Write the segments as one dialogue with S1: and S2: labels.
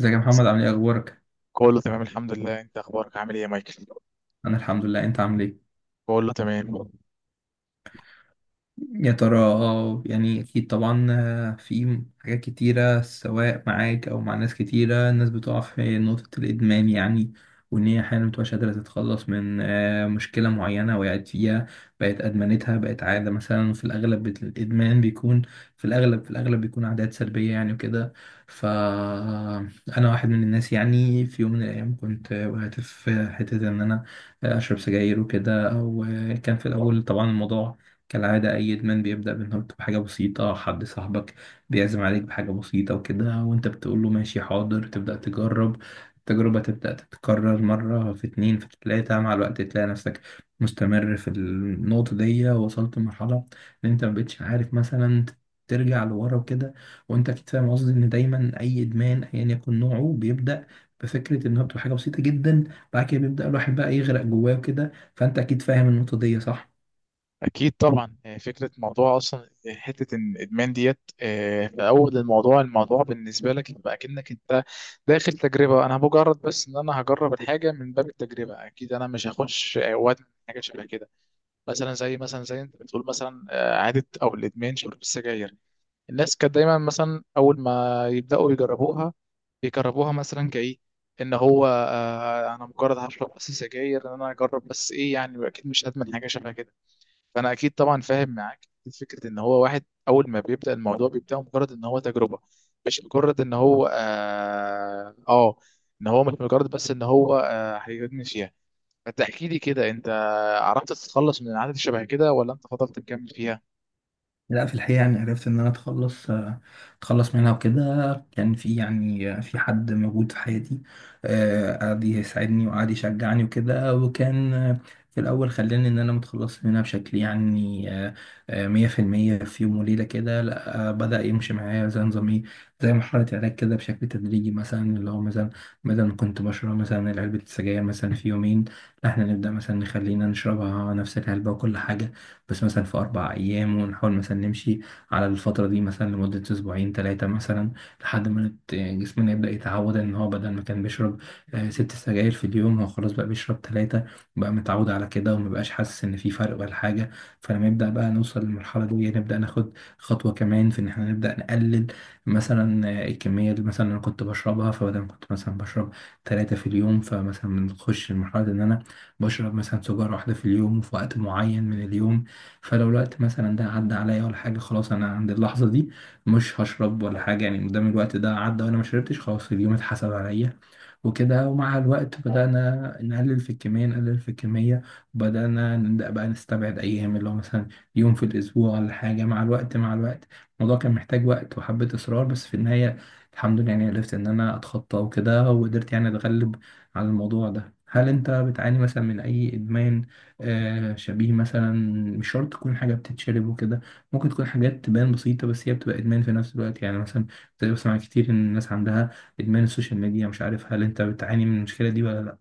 S1: ازيك يا محمد؟ عامل ايه؟ اخبارك؟
S2: كله تمام الحمد لله. انت اخبارك عامل ايه يا مايكل؟
S1: انا الحمد لله. انت عامل ايه؟
S2: كله تمام.
S1: يا ترى يعني اكيد طبعا. في حاجات كتيرة سواء معاك او مع ناس كتيرة، الناس بتقع في نقطة الادمان يعني. وان هي احيانا متبقاش قادرة تتخلص من مشكلة معينة وقعت فيها، بقت ادمنتها، بقت عادة. مثلا في الاغلب الادمان بيكون، في الاغلب بيكون عادات سلبية يعني وكده. فانا واحد من الناس، يعني في يوم من الايام كنت وقعت في حتة ان انا اشرب سجاير وكده. او كان في الاول طبعا الموضوع كالعادة، أي إدمان بيبدأ بإنه بحاجة بسيطة، حد صاحبك بيعزم عليك بحاجة بسيطة وكده، وأنت بتقول له ماشي حاضر، تبدأ تجرب. التجربة تبدأ تتكرر، مرة في اتنين في تلاتة، مع الوقت تلاقي نفسك مستمر في النقطة دي، وصلت لمرحلة إن أنت مبقتش عارف مثلا ترجع لورا وكده. وأنت أكيد فاهم قصدي، إن دايما أي إدمان أيا يكن نوعه بيبدأ بفكرة إنها بتبقى حاجة بسيطة جدا، بعد كده بيبدأ الواحد بقى يغرق جواه وكده. فأنت أكيد فاهم النقطة دي، صح؟
S2: اكيد طبعا، فكره موضوع اصلا حته ان الادمان ديت في اول الموضوع، الموضوع بالنسبه لك يبقى اكنك انت داخل تجربه. انا مجرد بس ان انا هجرب الحاجه من باب التجربه. اكيد انا مش هخش وادمن حاجه شبه كده. مثلا زي انت بتقول مثلا عاده او الادمان شرب السجاير. الناس كانت دايما مثلا اول ما يبداوا يجربوها بيجربوها مثلا كايه ان هو انا مجرد هشرب بس سجاير، ان انا اجرب بس ايه يعني. اكيد مش ادمن حاجه شبه كده. فانا اكيد طبعا فاهم معاك. فكره ان هو واحد اول ما بيبدا الموضوع بيبدا مجرد ان هو تجربه، مش مجرد ان هو مش مجرد بس ان هو هيدمن فيها. فتحكي لي كده، انت عرفت تتخلص من العادة شبه كده ولا انت فضلت تكمل فيها؟
S1: لا، في الحقيقة يعني عرفت إن أنا أتخلص أتخلص منها وكده. كان في يعني في حد موجود في حياتي قعد يساعدني وقعد يشجعني وكده، وكان في الأول خلاني إن أنا متخلص منها بشكل يعني 100% في يوم وليلة كده. لا، بدأ يمشي معايا زي نظام إيه، زي مرحلة علاج كده بشكل تدريجي. مثلا اللي هو مثلا بدل ما كنت بشرب مثلا علبة السجاير مثلا في يومين، لا إحنا نبدأ مثلا نخلينا نشربها نفس العلبة وكل حاجة بس مثلا في 4 أيام، ونحاول مثلا نمشي على الفترة دي مثلا لمدة أسبوعين ثلاثة مثلا لحد ما جسمنا يبدأ يتعود إن هو بدل ما كان بيشرب 6 سجاير في اليوم، هو خلاص بقى بيشرب ثلاثة، بقى متعود على كده ومبقاش حاسس إن في فرق ولا حاجة. فلما يبدأ بقى نوصل للمرحلة دي، نبدأ ناخد خطوة كمان في إن إحنا نبدأ نقلل مثلا الكمية اللي مثلا أنا كنت بشربها. فبدل ما كنت مثلا بشرب 3 في اليوم، فمثلا بنخش لمرحلة إن أنا بشرب مثلا سيجارة واحدة في اليوم، وفي وقت معين من اليوم. فلو الوقت مثلا ده عدى عليا ولا حاجة، خلاص أنا عند اللحظة دي مش هشرب ولا حاجة يعني، مادام الوقت ده عدى وأنا ما شربتش، خلاص اليوم اتحسب عليا وكده. ومع الوقت بدأنا نقلل في الكمية، نقلل في الكمية، بدأنا نبدأ بقى نستبعد أيام اللي هو مثلا يوم في الأسبوع ولا حاجة. مع الوقت مع الوقت الموضوع كان محتاج وقت وحبة إصرار، بس في النهاية الحمد لله يعني عرفت إن أنا أتخطى وكده، وقدرت يعني أتغلب على الموضوع ده. هل أنت بتعاني مثلا من أي إدمان شبيه مثلا؟ مش شرط تكون حاجة بتتشرب وكده، ممكن تكون حاجات تبان بسيطة بس هي بتبقى إدمان في نفس الوقت، يعني مثلا بتبقى بسمع كتير إن الناس عندها إدمان السوشيال ميديا. مش عارف، هل أنت بتعاني من المشكلة دي ولا لأ؟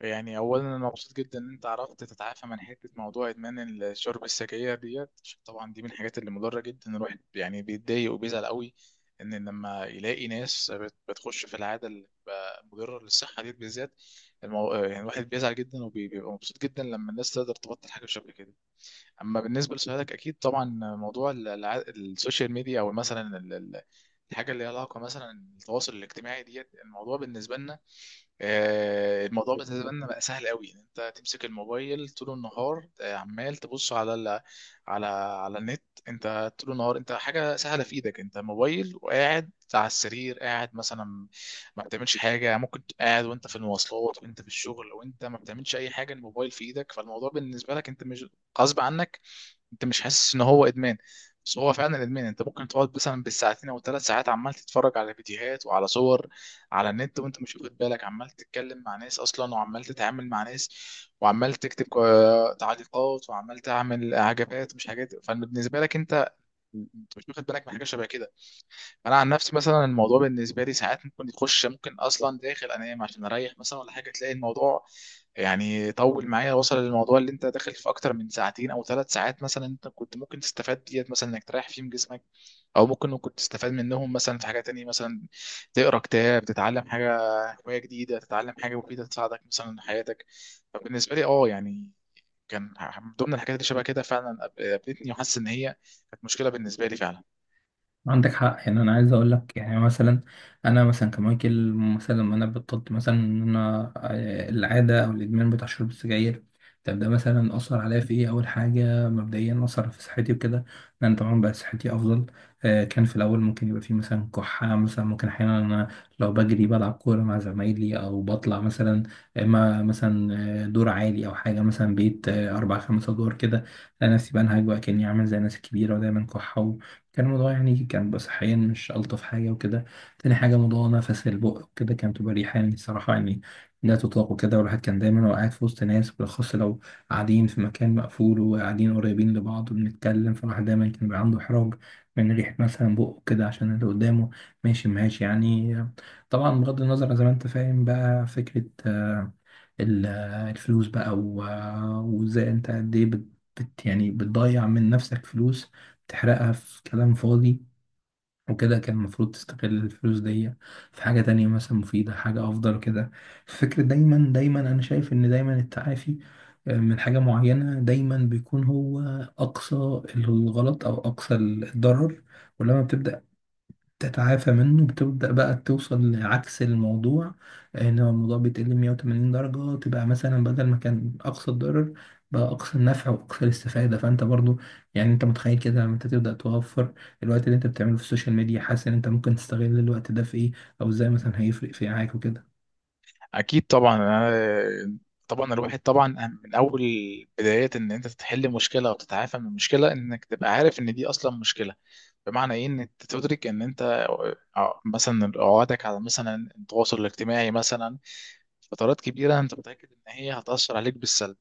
S2: يعني اولا انا مبسوط جدا ان انت عرفت تتعافى من حته موضوع ادمان الشرب السجاير ديت، عشان طبعا دي من الحاجات اللي مضره جدا. الواحد يعني بيتضايق وبيزعل قوي ان لما يلاقي ناس بتخش في العاده اللي بتبقى مضره للصحه ديت بالذات. يعني الواحد بيزعل جدا وبيبقى مبسوط جدا لما الناس تقدر تبطل حاجه شبه كده. اما بالنسبه لسؤالك، اكيد طبعا موضوع السوشيال ميديا او مثلا الحاجه اللي ليها علاقه مثلا التواصل الاجتماعي ديت، الموضوع بالنسبه لنا الموضوع بالنسبه لنا بقى سهل قوي ان انت تمسك الموبايل طول النهار. عمال تبص على على النت. انت طول النهار انت حاجه سهله في ايدك انت، موبايل وقاعد على السرير، قاعد مثلا ما بتعملش حاجه. ممكن تبقى قاعد وانت في المواصلات وانت في الشغل وانت ما بتعملش اي حاجه، الموبايل في ايدك. فالموضوع بالنسبه لك، انت مش غصب عنك، انت مش حاسس ان هو ادمان، بس هو فعلا ادمان. انت ممكن تقعد مثلا بالساعتين او ثلاث ساعات عمال تتفرج على فيديوهات وعلى صور على النت وانت مش واخد بالك، عمال تتكلم مع ناس اصلا وعمال تتعامل مع ناس وعمال تكتب تعليقات وعمال تعمل عجبات مش حاجات. فبالنسبه لك انت، انت مش واخد بالك من حاجه شبه كده. فانا عن نفسي مثلا الموضوع بالنسبه لي، ساعات ممكن يخش، ممكن اصلا داخل انام عشان اريح مثلا ولا حاجه، تلاقي الموضوع يعني طول معايا وصل للموضوع اللي انت داخل في اكتر من ساعتين او ثلاث ساعات. مثلا انت كنت ممكن تستفاد ديت مثلا انك تريح فيهم جسمك، او ممكن تستفاد منهم مثلا في حاجه تانية، مثلا تقرا كتاب، تتعلم حاجه، هوايه جديده، تتعلم حاجه مفيده تساعدك مثلا في حياتك. فبالنسبه لي اه يعني كان من ضمن الحاجات اللي شبه كده فعلا قابلتني وحاسس ان هي كانت مشكله بالنسبه لي فعلا.
S1: عندك حق، يعني انا عايز اقول لك يعني مثلا انا مثلا كمايكل، مثلا لما انا بطلت مثلا ان انا العاده او الادمان بتاع شرب السجاير، طب ده مثلا اثر عليا في ايه؟ اول حاجه مبدئيا اثر في صحتي وكده، لان طبعا بقى صحتي افضل. كان في الاول ممكن يبقى في مثلا كحه، مثلا ممكن احيانا انا لو بجري بلعب كوره مع زمايلي او بطلع مثلا، اما مثلا دور عالي او حاجه مثلا بيت اربع خمس ادوار كده، انا نفسي بنهج بقى كاني عامل زي الناس الكبيره ودايما كحه. كان الموضوع يعني كان بقى صحيا مش ألطف حاجة وكده. تاني حاجة موضوع نفس البق وكده، كان بتبقى ريحة يعني صراحة يعني لا تطاق وكده. والواحد كان دايما وقاعد في وسط ناس، بالأخص لو قاعدين في مكان مقفول وقاعدين قريبين لبعض وبنتكلم، فالواحد دايما كان بيبقى عنده إحراج من ريحة مثلا بقه كده عشان اللي قدامه، ماشي ماشي يعني. طبعا بغض النظر، زي ما أنت فاهم بقى، فكرة ال- الفلوس بقى وازاي انت قد ايه يعني بتضيع من نفسك فلوس، بتحرقها في كلام فاضي وكده. كان المفروض تستغل الفلوس دي في حاجة تانية مثلا مفيدة، حاجة أفضل كده. فكرة دايما دايما أنا شايف إن دايما التعافي من حاجة معينة دايما بيكون هو أقصى الغلط أو أقصى الضرر، ولما بتبدأ تتعافى منه بتبدأ بقى توصل لعكس الموضوع، ان هو الموضوع بيتقلب 180 درجة، تبقى مثلا بدل ما كان اقصى الضرر بقى اقصى النفع واقصى الاستفادة. فانت برضو يعني انت متخيل كده لما انت تبدأ توفر الوقت اللي انت بتعمله في السوشيال ميديا، حاسس ان انت ممكن تستغل الوقت ده في ايه؟ او ازاي مثلا هيفرق في معاك وكده؟
S2: اكيد طبعا. طبعا الواحد طبعا من اول بدايات ان انت تحل مشكله وتتعافى من مشكله، انك تبقى عارف ان دي اصلا مشكله. بمعنى ايه؟ ان انت تدرك ان انت مثلا عقدك على مثلا التواصل الاجتماعي مثلا فترات كبيره انت متاكد ان هي هتاثر عليك بالسلب.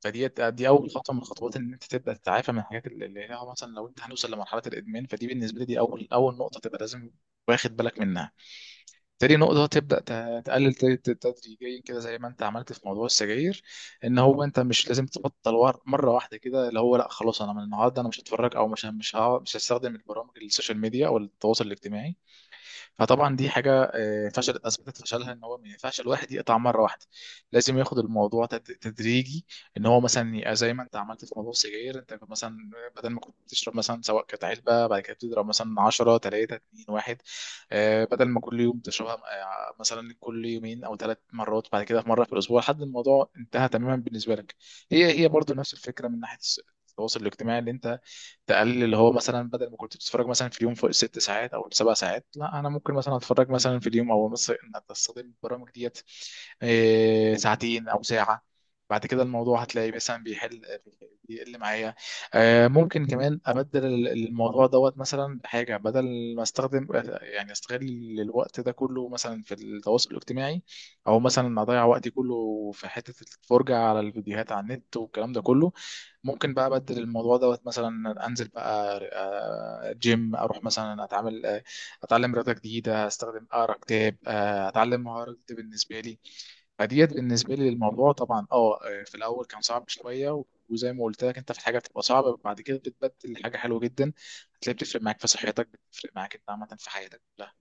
S2: فدي اول خطوه من الخطوات ان انت تبدا تتعافى من الحاجات اللي هي مثلا لو انت هنوصل لمرحله الادمان، فدي بالنسبه لي دي اول نقطه تبقى لازم واخد بالك منها. تاني نقطه تبدا تقلل تدريجيا كده زي ما انت عملت في موضوع السجاير. ان هو انت مش لازم تبطل مره واحده كده، اللي هو لا خلاص انا من النهارده انا مش هتفرج، او مش هستخدم البرامج السوشيال ميديا او التواصل الاجتماعي. فطبعا دي حاجه فشل اثبتت فشلها، ان هو ما ينفعش الواحد يقطع مره واحده. لازم ياخد الموضوع تدريجي، ان هو مثلا يبقى زي ما انت عملت في موضوع السجاير. انت كنت مثلا بدل ما كنت بتشرب مثلا سواء كانت علبه، بعد كده بتضرب مثلا 10 3 2 1، بدل ما كل يوم تشربها مثلا كل يومين او ثلاث مرات، بعد كده في مره في الاسبوع لحد الموضوع انتهى تماما بالنسبه لك. هي هي برضو نفس الفكره من ناحيه التواصل الاجتماعي، اللي انت تقلل، اللي هو مثلا بدل ما كنت بتتفرج مثلا في اليوم فوق الست ساعات او السبع ساعات، لا انا ممكن مثلا اتفرج مثلا في اليوم، او مثلا ان استخدم البرامج ديت ساعتين او ساعه. بعد كده الموضوع هتلاقي مثلا بيحل، بيقل معايا. ممكن كمان ابدل الموضوع دوت مثلا بحاجه، بدل ما استخدم يعني استغل الوقت ده كله مثلا في التواصل الاجتماعي، او مثلا اضيع وقتي كله في حته الفرجه على الفيديوهات على النت والكلام ده كله، ممكن بقى ابدل الموضوع دوت، مثلا انزل بقى جيم، اروح مثلا اتعامل اتعلم رياضه جديده، استخدم اقرا كتاب، اتعلم مهاره جديده بالنسبه لي. فديت بالنسبه لي للموضوع طبعا اه في الاول كان صعب شويه وزي ما قلت لك انت، في حاجه بتبقى صعبه بعد كده بتبدل حاجه حلوه جدا. هتلاقي بتفرق معاك في صحتك، بتفرق معاك انت عامه في حياتك كلها.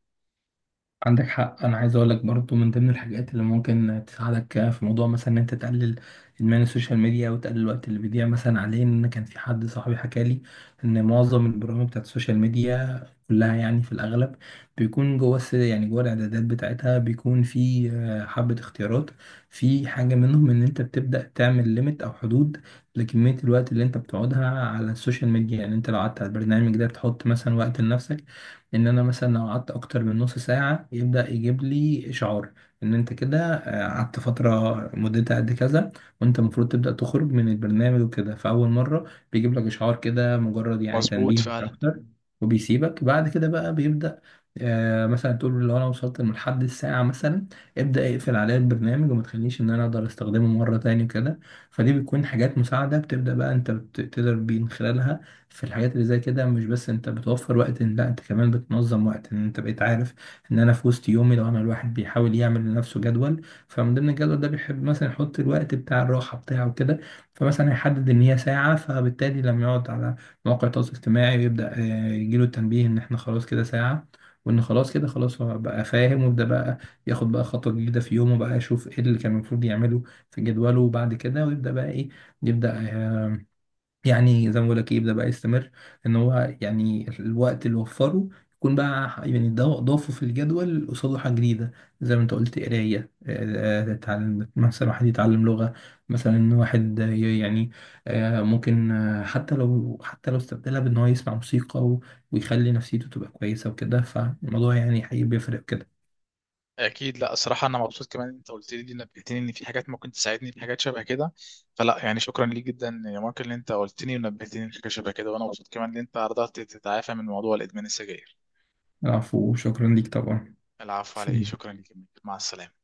S1: عندك حق، انا عايز اقول لك برضو من ضمن الحاجات اللي ممكن تساعدك في موضوع مثلا ان انت تقلل ادمان السوشيال ميديا وتقلل الوقت اللي بيضيع مثلا عليه، ان كان في حد صاحبي حكى لي ان معظم البرامج بتاعت السوشيال ميديا كلها يعني في الاغلب بيكون جوه يعني جوه الاعدادات بتاعتها بيكون في حبة اختيارات في حاجة منهم ان انت بتبدأ تعمل ليميت او حدود لكمية الوقت اللي انت بتقعدها على السوشيال ميديا. يعني انت لو قعدت على البرنامج ده بتحط مثلا وقت لنفسك، ان انا مثلا لو قعدت اكتر من نص ساعة يبدأ يجيب لي اشعار ان انت كده قعدت فترة مدتها قد كذا، وانت المفروض تبدأ تخرج من البرنامج وكده. فاول مرة بيجيب لك اشعار كده مجرد يعني
S2: مظبوط
S1: تنبيه مش
S2: فعلا.
S1: اكتر، وبيسيبك بعد كده. بقى بيبدأ مثلا تقول له لو انا وصلت لحد الساعة مثلا، ابدأ اقفل عليا البرنامج وما تخليش ان انا اقدر استخدمه مرة تاني وكده. فدي بتكون حاجات مساعدة بتبدأ بقى انت تقدر بين خلالها في الحاجات اللي زي كده. مش بس انت بتوفر وقت، لا انت كمان بتنظم وقت، ان انت بقيت عارف ان انا في وسط يومي. لو انا الواحد بيحاول يعمل لنفسه جدول، فمن ضمن الجدول ده بيحب مثلا يحط الوقت بتاع الراحة بتاعه كده، فمثلا هيحدد ان هي ساعة. فبالتالي لما يقعد على مواقع التواصل الاجتماعي ويبدأ يجيله التنبيه ان احنا خلاص كده ساعة، وان خلاص كده خلاص هو بقى فاهم، ويبدأ بقى ياخد بقى خطوة جديدة في يومه، بقى يشوف ايه اللي كان المفروض يعمله في جدوله، وبعد كده ويبدأ بقى ايه، يبدأ يعني زي ما بقول لك يبدا بقى يستمر ان هو يعني الوقت اللي وفره يكون بقى يعني ده ضافه في الجدول قصاده حاجه جديده، زي ما انت قلت قرايه تتعلم، مثلا واحد يتعلم لغه، مثلا واحد يعني ممكن حتى لو استبدلها بان هو يسمع موسيقى ويخلي نفسيته تبقى كويسه وكده، فالموضوع يعني حقيقي بيفرق كده.
S2: اكيد. لا الصراحه انا مبسوط كمان إن انت قلت لي دي، نبهتني ان في حاجات ممكن تساعدني في حاجات شبه كده. فلا يعني شكرا ليك جدا يا مارك ان انت قلتني ونبهتني في حاجه شبه كده، وانا مبسوط كمان ان انت قدرت تتعافى من موضوع الادمان السجاير.
S1: العفو وشكرا ليك طبعا.
S2: العفو على ايه،
S1: سلام.
S2: شكرا ليك يا مايكل. مع السلامه.